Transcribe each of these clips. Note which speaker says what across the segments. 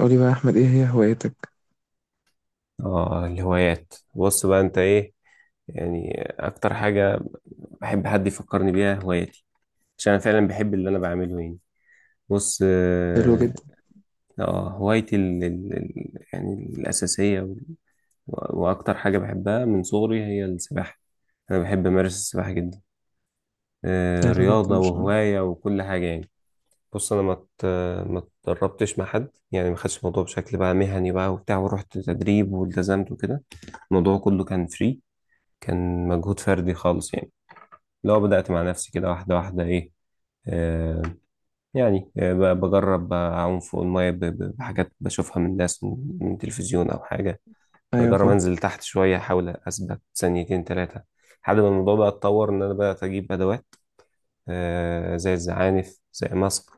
Speaker 1: قولي بقى يا أحمد إيه هي هوايتك؟
Speaker 2: اه الهوايات، بص بقى، انت ايه يعني اكتر حاجة بحب حد يفكرني بيها؟ هوايتي، عشان انا فعلا بحب اللي انا بعمله يعني. بص.
Speaker 1: حلو جدا.
Speaker 2: هوايتي ال ال ال يعني الاساسية واكتر حاجة بحبها من صغري هي السباحة. انا بحب امارس السباحة جدا. آه،
Speaker 1: حلو جدا
Speaker 2: رياضة
Speaker 1: مش أنا.
Speaker 2: وهواية وكل حاجة يعني. بص، انا ما اتدربتش مع حد يعني، ما خدتش الموضوع بشكل بقى مهني بقى وبتاع ورحت تدريب والتزمت وكده. الموضوع كله كان فري، كان مجهود فردي خالص يعني. لو بدأت مع نفسي كده واحدة واحدة إيه، آه، يعني بجرب أعوم فوق المية بحاجات بشوفها من ناس، من تلفزيون أو حاجة.
Speaker 1: أيوة
Speaker 2: بجرب
Speaker 1: فاهم.
Speaker 2: أنزل تحت شوية، أحاول أثبت ثانيتين تلاتة، لحد ما الموضوع بقى اتطور إن أنا بقى أجيب أدوات. آه، زي الزعانف، زي ماسك.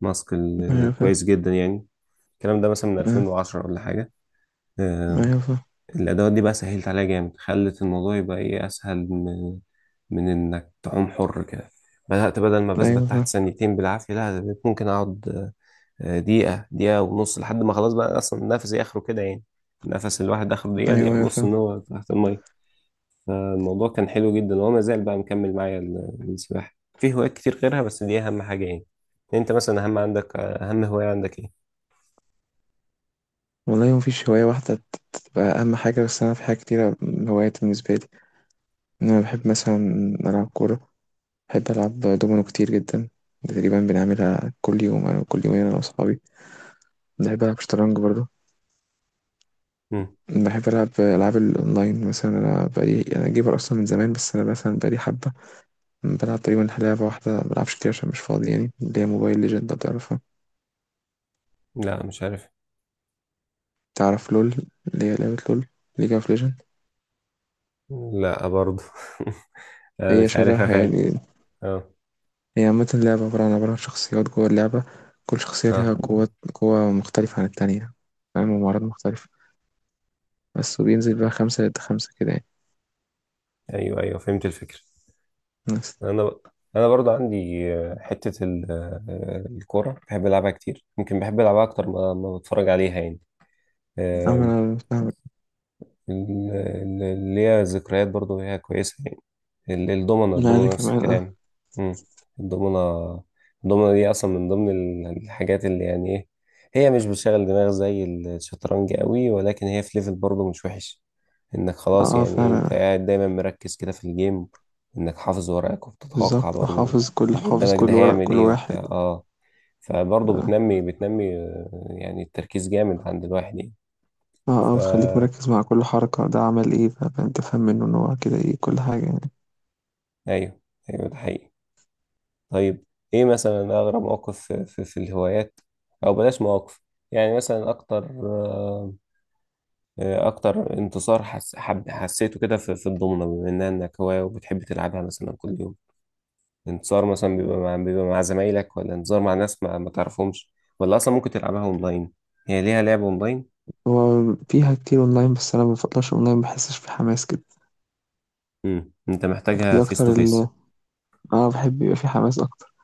Speaker 1: أيوة فاهم.
Speaker 2: كويس جدا يعني. الكلام ده مثلا من
Speaker 1: آه،
Speaker 2: 2010 ولا حاجة. آه،
Speaker 1: أيوة فاهم.
Speaker 2: الأدوات دي بقى سهلت عليها جامد، خلت الموضوع يبقى إيه، أسهل من إنك تعوم حر كده. بدأت، بدل ما
Speaker 1: أيوة
Speaker 2: بثبت
Speaker 1: فاهم.
Speaker 2: تحت ثانيتين بالعافية، لا ده بقيت ممكن أقعد آه، دقيقة، دقيقة ونص، لحد ما خلاص بقى أصلا نفسي آخره كده يعني. نفس الواحد آخره دقيقة،
Speaker 1: أيوة
Speaker 2: دقيقة
Speaker 1: أيوة
Speaker 2: ونص
Speaker 1: فاهم.
Speaker 2: إن هو تحت المية. فالموضوع كان حلو جدا، وهو ما زال بقى مكمل معايا السباحة. في هوايات كتير غيرها بس دي أهم حاجة يعني. أنت مثلا أهم عندك، أهم هواية عندك إيه؟
Speaker 1: والله مفيش هواية واحدة تبقى أهم حاجة، بس أنا في حاجة كتيرة. هوايات بالنسبة لي إن أنا بحب مثلا ألعب كورة، بحب ألعب دومينو كتير جدا، تقريبا بنعملها كل يوم أنا كل يومين أنا وأصحابي. بحب ألعب شطرنج برضه.
Speaker 2: مم.
Speaker 1: بحب ألعب ألعاب الأونلاين مثلا، أنا بقالي جيمر أصلا من زمان، بس أنا مثلا بقالي حبة بلعب تقريبا لعبة واحدة مبلعبش كتير عشان مش فاضي يعني، اللي هي موبايل ليجند لو تعرفها.
Speaker 2: لا مش عارف.
Speaker 1: تعرف لول؟ اللي هي لعبة لول، ليج اوف ليجند.
Speaker 2: لا برضه. آه،
Speaker 1: هي
Speaker 2: مش عارفها
Speaker 1: شبهها
Speaker 2: فعلا.
Speaker 1: يعني.
Speaker 2: اه.
Speaker 1: هي عامة لعبة عبارة عن شخصيات جوه اللعبة، كل شخصية
Speaker 2: اه.
Speaker 1: ليها قوة مختلفة عن التانية، فاهم، ومهارات مختلفة بس. وبينزل بقى خمسة ضد خمسة كده يعني
Speaker 2: ايوه، ايوه، فهمت الفكره.
Speaker 1: بس.
Speaker 2: انا ب... انا برضه عندي آه، حته ال... آه، الكوره بحب العبها كتير، يمكن بحب العبها اكتر ما بتفرج عليها يعني.
Speaker 1: أما أنا فاهمك.
Speaker 2: اللي هي ذكريات برضو هي كويسة يعني.
Speaker 1: لا أنا يعني
Speaker 2: الضمنة نفس
Speaker 1: كمان أه.
Speaker 2: الكلام. مم. الضمنة. الضمنة دي أصلا من ضمن الحاجات اللي يعني إيه، هي مش بتشغل دماغ زي الشطرنج قوي، ولكن هي في ليفل برضو مش وحش. إنك
Speaker 1: أه
Speaker 2: خلاص
Speaker 1: آه،
Speaker 2: يعني إيه، أنت
Speaker 1: فعلا.
Speaker 2: قاعد دايما مركز كده في الجيم، إنك حافظ ورقك وبتتوقع
Speaker 1: بالظبط آه،
Speaker 2: برضو
Speaker 1: حافظ كل
Speaker 2: اللي
Speaker 1: حافظ
Speaker 2: قدامك ده
Speaker 1: كل ورق
Speaker 2: هيعمل
Speaker 1: كل
Speaker 2: إيه وبتاع
Speaker 1: واحد.
Speaker 2: آه. فبرضو
Speaker 1: اه.
Speaker 2: بتنمي آه، يعني التركيز جامد عند الواحد يعني.
Speaker 1: اه
Speaker 2: ف،
Speaker 1: آه، بتخليك مركز مع كل حركة، ده عمل ايه فانت فاهم منه ان هو كده ايه كل حاجة يعني.
Speaker 2: أيوه، أيوه، ده حقيقي. طيب، ايه مثلا اغرب موقف في الهوايات، او بلاش مواقف، يعني مثلا اكتر آه، آه، اكتر انتصار حس حب حسيته كده في الضمنة، بما انها انك هواية وبتحب تلعبها مثلا كل يوم. انتصار مثلا بيبقى مع زمايلك، ولا انتصار مع ناس ما تعرفهمش، ولا اصلا ممكن تلعبها اونلاين؟ هي ليها لعب اونلاين؟
Speaker 1: هو فيها كتير اونلاين، بس انا ما بفضلش اونلاين، ما بحسش في حماس كده.
Speaker 2: امم، انت محتاجها
Speaker 1: دي
Speaker 2: فيس تو
Speaker 1: اكتر اللي
Speaker 2: فيس.
Speaker 1: انا بحب يبقى في حماس اكتر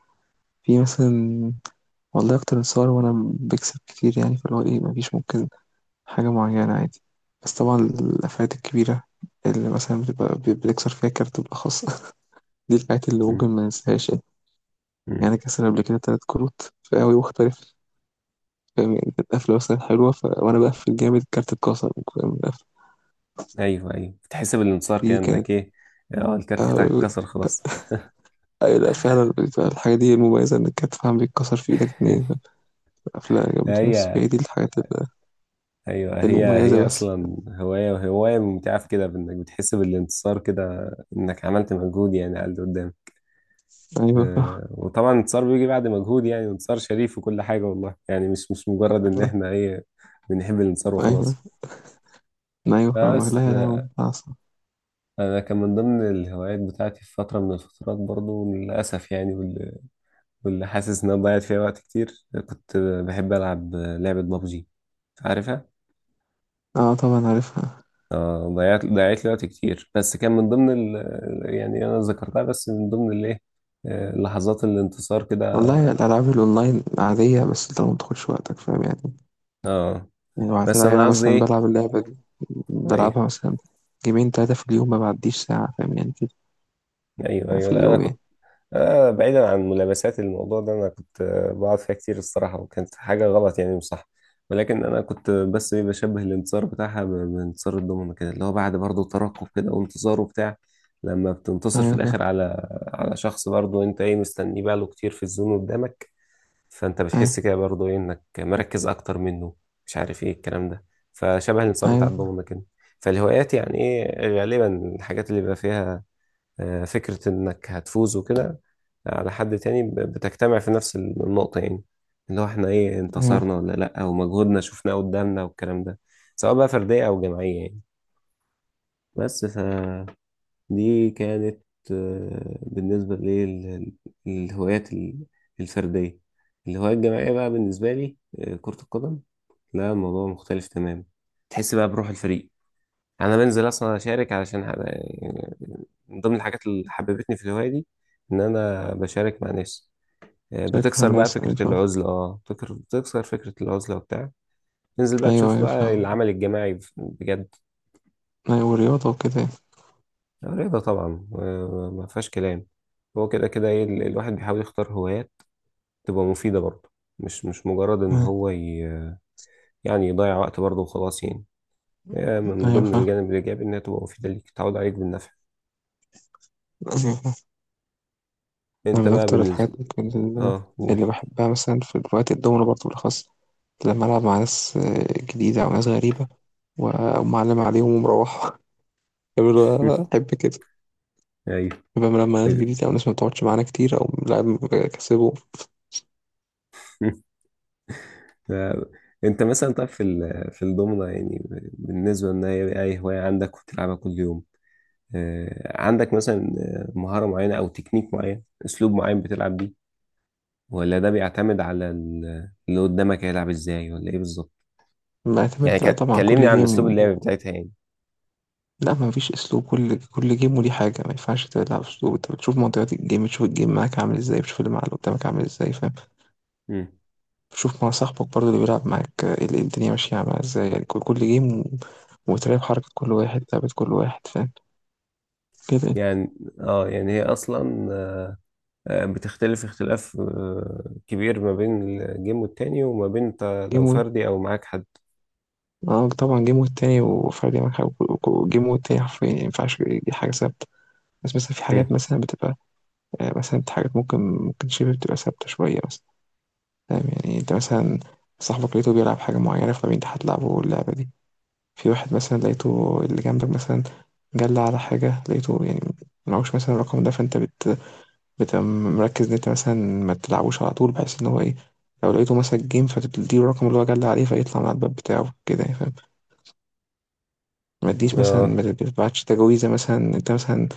Speaker 1: في مثلا. والله اكتر انتصار وانا بكسب كتير يعني، فاللي هو ايه مفيش ممكن حاجة معينة عادي. بس طبعا الافات الكبيرة اللي مثلا بتبقى بتكسر فيها كارت بالاخص دي الحاجات اللي ممكن
Speaker 2: امم.
Speaker 1: ما ننساهاش يعني.
Speaker 2: امم.
Speaker 1: يعني أنا كسر قبل كده تلات كروت في قوي مختلف، فاهم يعني، كانت قفلة مثلا حلوة وأنا بقفل جامد الكارت اتكسر، فاهم؟ القفلة
Speaker 2: ايوه، ايوه، تحس بالانتصار
Speaker 1: دي كانت
Speaker 2: كانك ايه. اه، الكارت بتاعك
Speaker 1: آه،
Speaker 2: اتكسر خلاص.
Speaker 1: أي لا فعلا بتبقى الحاجة دي المميزة، إنك كانت فاهم بيتكسر في إيدك اتنين أفلام جامدة، بس
Speaker 2: هي،
Speaker 1: هي دي الحاجات
Speaker 2: ايوه، هي
Speaker 1: المميزة
Speaker 2: هي
Speaker 1: بس.
Speaker 2: اصلا هوايه، وهوايه ممتعه في كده بانك بتحس بالانتصار كده، انك عملت مجهود يعني على اللي قدام.
Speaker 1: أيوة
Speaker 2: آه، وطبعا الانتصار بيجي بعد مجهود يعني، انتصار شريف وكل حاجه، والله يعني، مش مجرد ان احنا ايه، بنحب الانتصار
Speaker 1: أيوة
Speaker 2: وخلاص.
Speaker 1: أيوة فاهمك،
Speaker 2: بس
Speaker 1: لا يا
Speaker 2: آه،
Speaker 1: لهوي عصب.
Speaker 2: انا كان من ضمن الهوايات بتاعتي في فتره من الفترات برضو للاسف يعني، واللي حاسس ان انا ضيعت فيها وقت كتير، كنت بحب العب لعبه بابجي، عارفها.
Speaker 1: أه طبعا عارفها.
Speaker 2: ضيعت لي وقت كتير، بس كان من ضمن ال... يعني انا ذكرتها بس من ضمن الايه، آه، لحظات الانتصار كده.
Speaker 1: والله الألعاب الأونلاين عادية، بس أنت ما تدخلش وقتك فاهم يعني.
Speaker 2: اه.
Speaker 1: يعني لو
Speaker 2: بس
Speaker 1: هتلاقي
Speaker 2: انا
Speaker 1: أنا
Speaker 2: قصدي
Speaker 1: مثلا
Speaker 2: ايه.
Speaker 1: بلعب اللعبة دي،
Speaker 2: ايوه
Speaker 1: بلعبها مثلا جيمين تلاتة في اليوم، ما بعديش ساعة فاهم يعني كده،
Speaker 2: ايوه ايوه،
Speaker 1: في
Speaker 2: لا انا
Speaker 1: اليوم يعني.
Speaker 2: كنت آه، بعيدا عن ملابسات الموضوع ده، انا كنت آه، بقعد فيها كتير الصراحه، وكانت حاجه غلط يعني مش صح، ولكن انا كنت بس ايه، بشبه الانتصار بتاعها بانتصار الضمنه كده، اللي هو بعد برضه ترقب كده وانتصار وبتاع. لما بتنتصر في
Speaker 1: أيوة فاهم.
Speaker 2: الاخر على، على شخص برضه، انت ايه، مستنيه بقاله كتير في الزون قدامك، فانت
Speaker 1: أيوة
Speaker 2: بتحس كده برضه ايه انك مركز اكتر منه، مش عارف ايه الكلام ده. فشبه الانتصار بتاع
Speaker 1: أيوة.
Speaker 2: الضغمه كده. فالهوايات يعني ايه، غالبا الحاجات اللي بيبقى فيها آه، فكره انك هتفوز وكده على حد تاني، بتجتمع في نفس النقطه يعني، اللي هو احنا ايه،
Speaker 1: أيوة،
Speaker 2: انتصرنا ولا لا، ومجهودنا شفناه قدامنا والكلام ده، سواء بقى فرديه او جماعيه يعني. بس ف، دي كانت آه، بالنسبة لي الهوايات الفردية. الهواية الجماعية بقى بالنسبة لي آه، كرة القدم، لا الموضوع مختلف تماما. تحس بقى بروح الفريق، أنا بنزل أصلا أشارك علشان يعني، من ضمن الحاجات اللي حببتني في الهواية دي إن أنا بشارك مع ناس. آه،
Speaker 1: شارك مع
Speaker 2: بتكسر بقى
Speaker 1: الناس، أيوة
Speaker 2: فكرة
Speaker 1: فاهم.
Speaker 2: العزلة، اه، بتكسر فكرة العزلة وبتاع، تنزل بقى
Speaker 1: أيوة
Speaker 2: تشوف
Speaker 1: أيوة
Speaker 2: بقى
Speaker 1: فاهم.
Speaker 2: العمل الجماعي بجد.
Speaker 1: أيوة ورياضة وكده.
Speaker 2: رياضة طبعا آه، ما فيهاش كلام. هو كده كده ايه، الواحد بيحاول يختار هوايات تبقى مفيدة برضه، مش مجرد ان
Speaker 1: يعني.
Speaker 2: هو ي... يعني يضيع وقت برضه وخلاص يعني. آه، من
Speaker 1: ايوه
Speaker 2: ضمن
Speaker 1: فاهم.
Speaker 2: الجانب الايجابي، انها تبقى مفيدة ليك، تعود عليك بالنفع.
Speaker 1: أيوة فاهم. انا
Speaker 2: انت
Speaker 1: من
Speaker 2: بقى
Speaker 1: اكتر الحاجات
Speaker 2: بالنسبة.
Speaker 1: ممكن
Speaker 2: اه، قول.
Speaker 1: اللي بحبها مثلا في وقت الدومينو برضه بالاخص، لما العب مع ناس آه، جديده او ناس غريبه ومعلم عليهم ومروحه يقولوا احب كده.
Speaker 2: ايوه.
Speaker 1: يبقى لما ناس جديده او ناس ما بتقعدش معانا كتير او لاعب كسبه.
Speaker 2: آه، انت مثلا، طب في ال... في الضمنة يعني، بالنسبة ان هي اي هواية عندك وتلعبها كل يوم، آه، عندك مثلا آه، مهارة معينة او تكنيك معين، اسلوب معين بتلعب بيه، ولا ده بيعتمد على اللي قدامك هيلعب ازاي، ولا ايه بالظبط؟ يعني،
Speaker 1: معتمد، لا طبعا
Speaker 2: كلمني
Speaker 1: كل
Speaker 2: عن
Speaker 1: جيم
Speaker 2: اسلوب اللعب بتاعتها يعني.
Speaker 1: لا ما فيش اسلوب، كل جيم وليه حاجه ما ينفعش تلعب اسلوب، انت بتشوف منطقات الجيم، بتشوف الجيم معاك عامل ازاي، بتشوف اللي مع اللي قدامك عامل ازاي، فاهم.
Speaker 2: مم.
Speaker 1: شوف مع صاحبك برضه اللي بيلعب معاك آه، الدنيا ماشية عاملة ازاي يعني، كل جيم. وتراقب حركة كل واحد، لعبة كل واحد، فاهم كده.
Speaker 2: يعني، اه، يعني هي اصلا آه، بتختلف اختلاف آه، كبير ما بين الجيم والتاني، وما بين انت لو
Speaker 1: جيم
Speaker 2: فردي او معاك حد.
Speaker 1: اه طبعا، جيم والتاني وفردي معاك حاجة، جيم والتاني حرفيا يعني مينفعش، دي حاجة ثابتة. بس مثلا في حاجات
Speaker 2: مم.
Speaker 1: مثلا بتبقى آه، مثلا حاجات ممكن شبه بتبقى ثابتة شوية مثلا، فاهم يعني، انت مثلا صاحبك لقيته بيلعب حاجة معينة فمين انت هتلعبه اللعبة دي. في واحد مثلا لقيته اللي جنبك مثلا جل على حاجة، لقيته يعني معهوش مثلا الرقم ده، فانت بتبقى مركز ان انت مثلا ما تلعبوش على طول، بحيث ان هو ايه لو لقيته مسك جيم فتديله الرقم اللي هو جال عليه فيطلع من على الباب بتاعه كده يعني، فاهم. ما تديش مثلا،
Speaker 2: اه.
Speaker 1: ما تبعتش تجويزه مثلا انت مثلا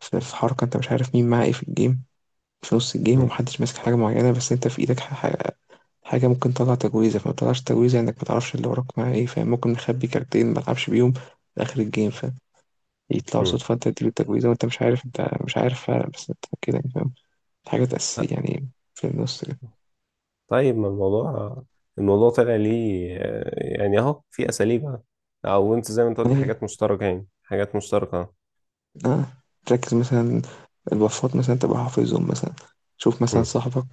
Speaker 1: في حركه انت مش عارف مين معاه ايه في الجيم، في نص الجيم
Speaker 2: مم.
Speaker 1: ومحدش ماسك حاجه معينه، بس انت في ايدك حاجه ممكن تطلع تجويزه، فما تطلعش تجويزه انك ما تعرفش اللي وراك معاه ايه، فاهم. ممكن نخبي كارتين ما تلعبش بيهم لاخر الجيم، فاهم. يطلعوا
Speaker 2: مم.
Speaker 1: صدفه انت تديله التجويزه وانت مش عارف، انت مش عارف بس انت كده يعني، فاهم. حاجات اساسيه يعني في النص
Speaker 2: طيب، ما الموضوع، الموضوع طلع ليه آه، يعني اهو في اساليب أهو. او انت زي ما انت قلت،
Speaker 1: كده.
Speaker 2: حاجات مشتركة، يعني حاجات مشتركة.
Speaker 1: اه، تركز مثلا البفات مثلا تبقى حافظهم مثلا، شوف مثلا
Speaker 2: مم.
Speaker 1: صاحبك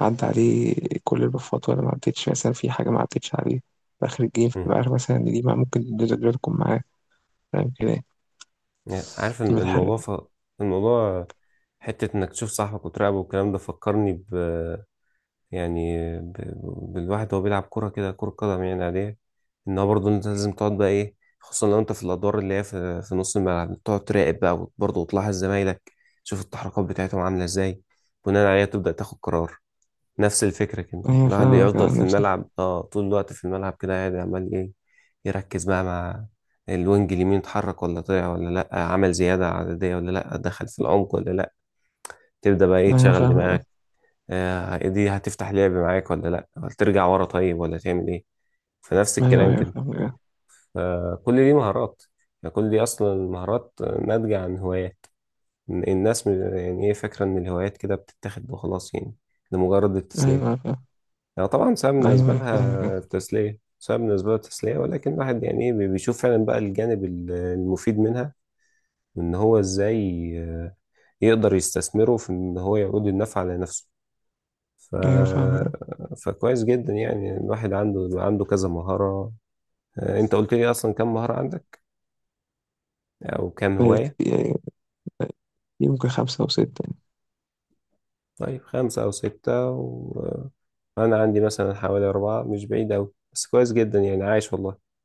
Speaker 1: عدى عليه كل البفات ولا ما عدتش، مثلا في حاجة ما عدتش عليه في آخر الجيم،
Speaker 2: مم.
Speaker 1: فتبقى عارف مثلا إن دي ما ممكن الدرجة تكون معاه، فاهم كده يعني.
Speaker 2: يعني عارف
Speaker 1: بتحرق.
Speaker 2: الموضوع ف... الموضوع حتة إنك تشوف صاحبك وتراقبه والكلام ده، فكرني ب، يعني ب... بالواحد وهو بيلعب كورة كده، كورة قدم يعني عادية. إن هو برضه، أنت لازم تقعد بقى إيه، خصوصا لو أنت في الأدوار اللي هي في نص الملعب، تقعد تراقب بقى، وبرضه وتلاحظ زمايلك، تشوف التحركات بتاعتهم عاملة إزاي، بناء عليها تبدأ تاخد قرار. نفس الفكرة كده،
Speaker 1: أيوة
Speaker 2: الواحد
Speaker 1: فاهمك
Speaker 2: يفضل
Speaker 1: أنا،
Speaker 2: في
Speaker 1: نفس الفكرة.
Speaker 2: الملعب اه طول الوقت في الملعب كده قاعد عمال ايه، يركز بقى مع الوينج اليمين، اتحرك ولا طلع ولا لأ، عمل زيادة عددية ولا لأ، دخل في العمق ولا لأ، تبدأ بقى ايه
Speaker 1: أيوة
Speaker 2: تشغل
Speaker 1: فاهمك أنا.
Speaker 2: دماغك. آه، دي هتفتح لعب معاك ولا لأ، ولا ترجع ورا طيب، ولا تعمل ايه. فنفس
Speaker 1: أيوة
Speaker 2: الكلام
Speaker 1: أيوة
Speaker 2: كده.
Speaker 1: فاهمك أنا.
Speaker 2: فكل دي مهارات، يعني كل دي أصلا مهارات ناتجة عن هوايات الناس. يعني ايه، فاكرة إن الهوايات كده بتتاخد وخلاص يعني، لمجرد
Speaker 1: أيوة
Speaker 2: التسلية.
Speaker 1: أيوة فاهم.
Speaker 2: يعني طبعا سبب من
Speaker 1: أيوة أيوة
Speaker 2: أسبابها
Speaker 1: فاهمك أنا.
Speaker 2: التسلية، سبب من أسباب التسلية، ولكن الواحد يعني إيه بيشوف فعلا بقى الجانب المفيد منها، إن هو إزاي آه، يقدر يستثمره في إن هو يعود النفع على نفسه. ف...
Speaker 1: أيوة فاهمك أنا.
Speaker 2: فكويس جدا يعني، الواحد عنده كذا مهارة. آه، أنت قلت لي أصلا كم مهارة عندك، أو كم
Speaker 1: هي
Speaker 2: هواية؟
Speaker 1: كتير- هي ممكن خمسة أو ستة
Speaker 2: طيب، 5 أو 6 و... آه، أنا عندي مثلا حوالي 4، مش بعيد أوي، بس كويس جدا يعني، عايش والله.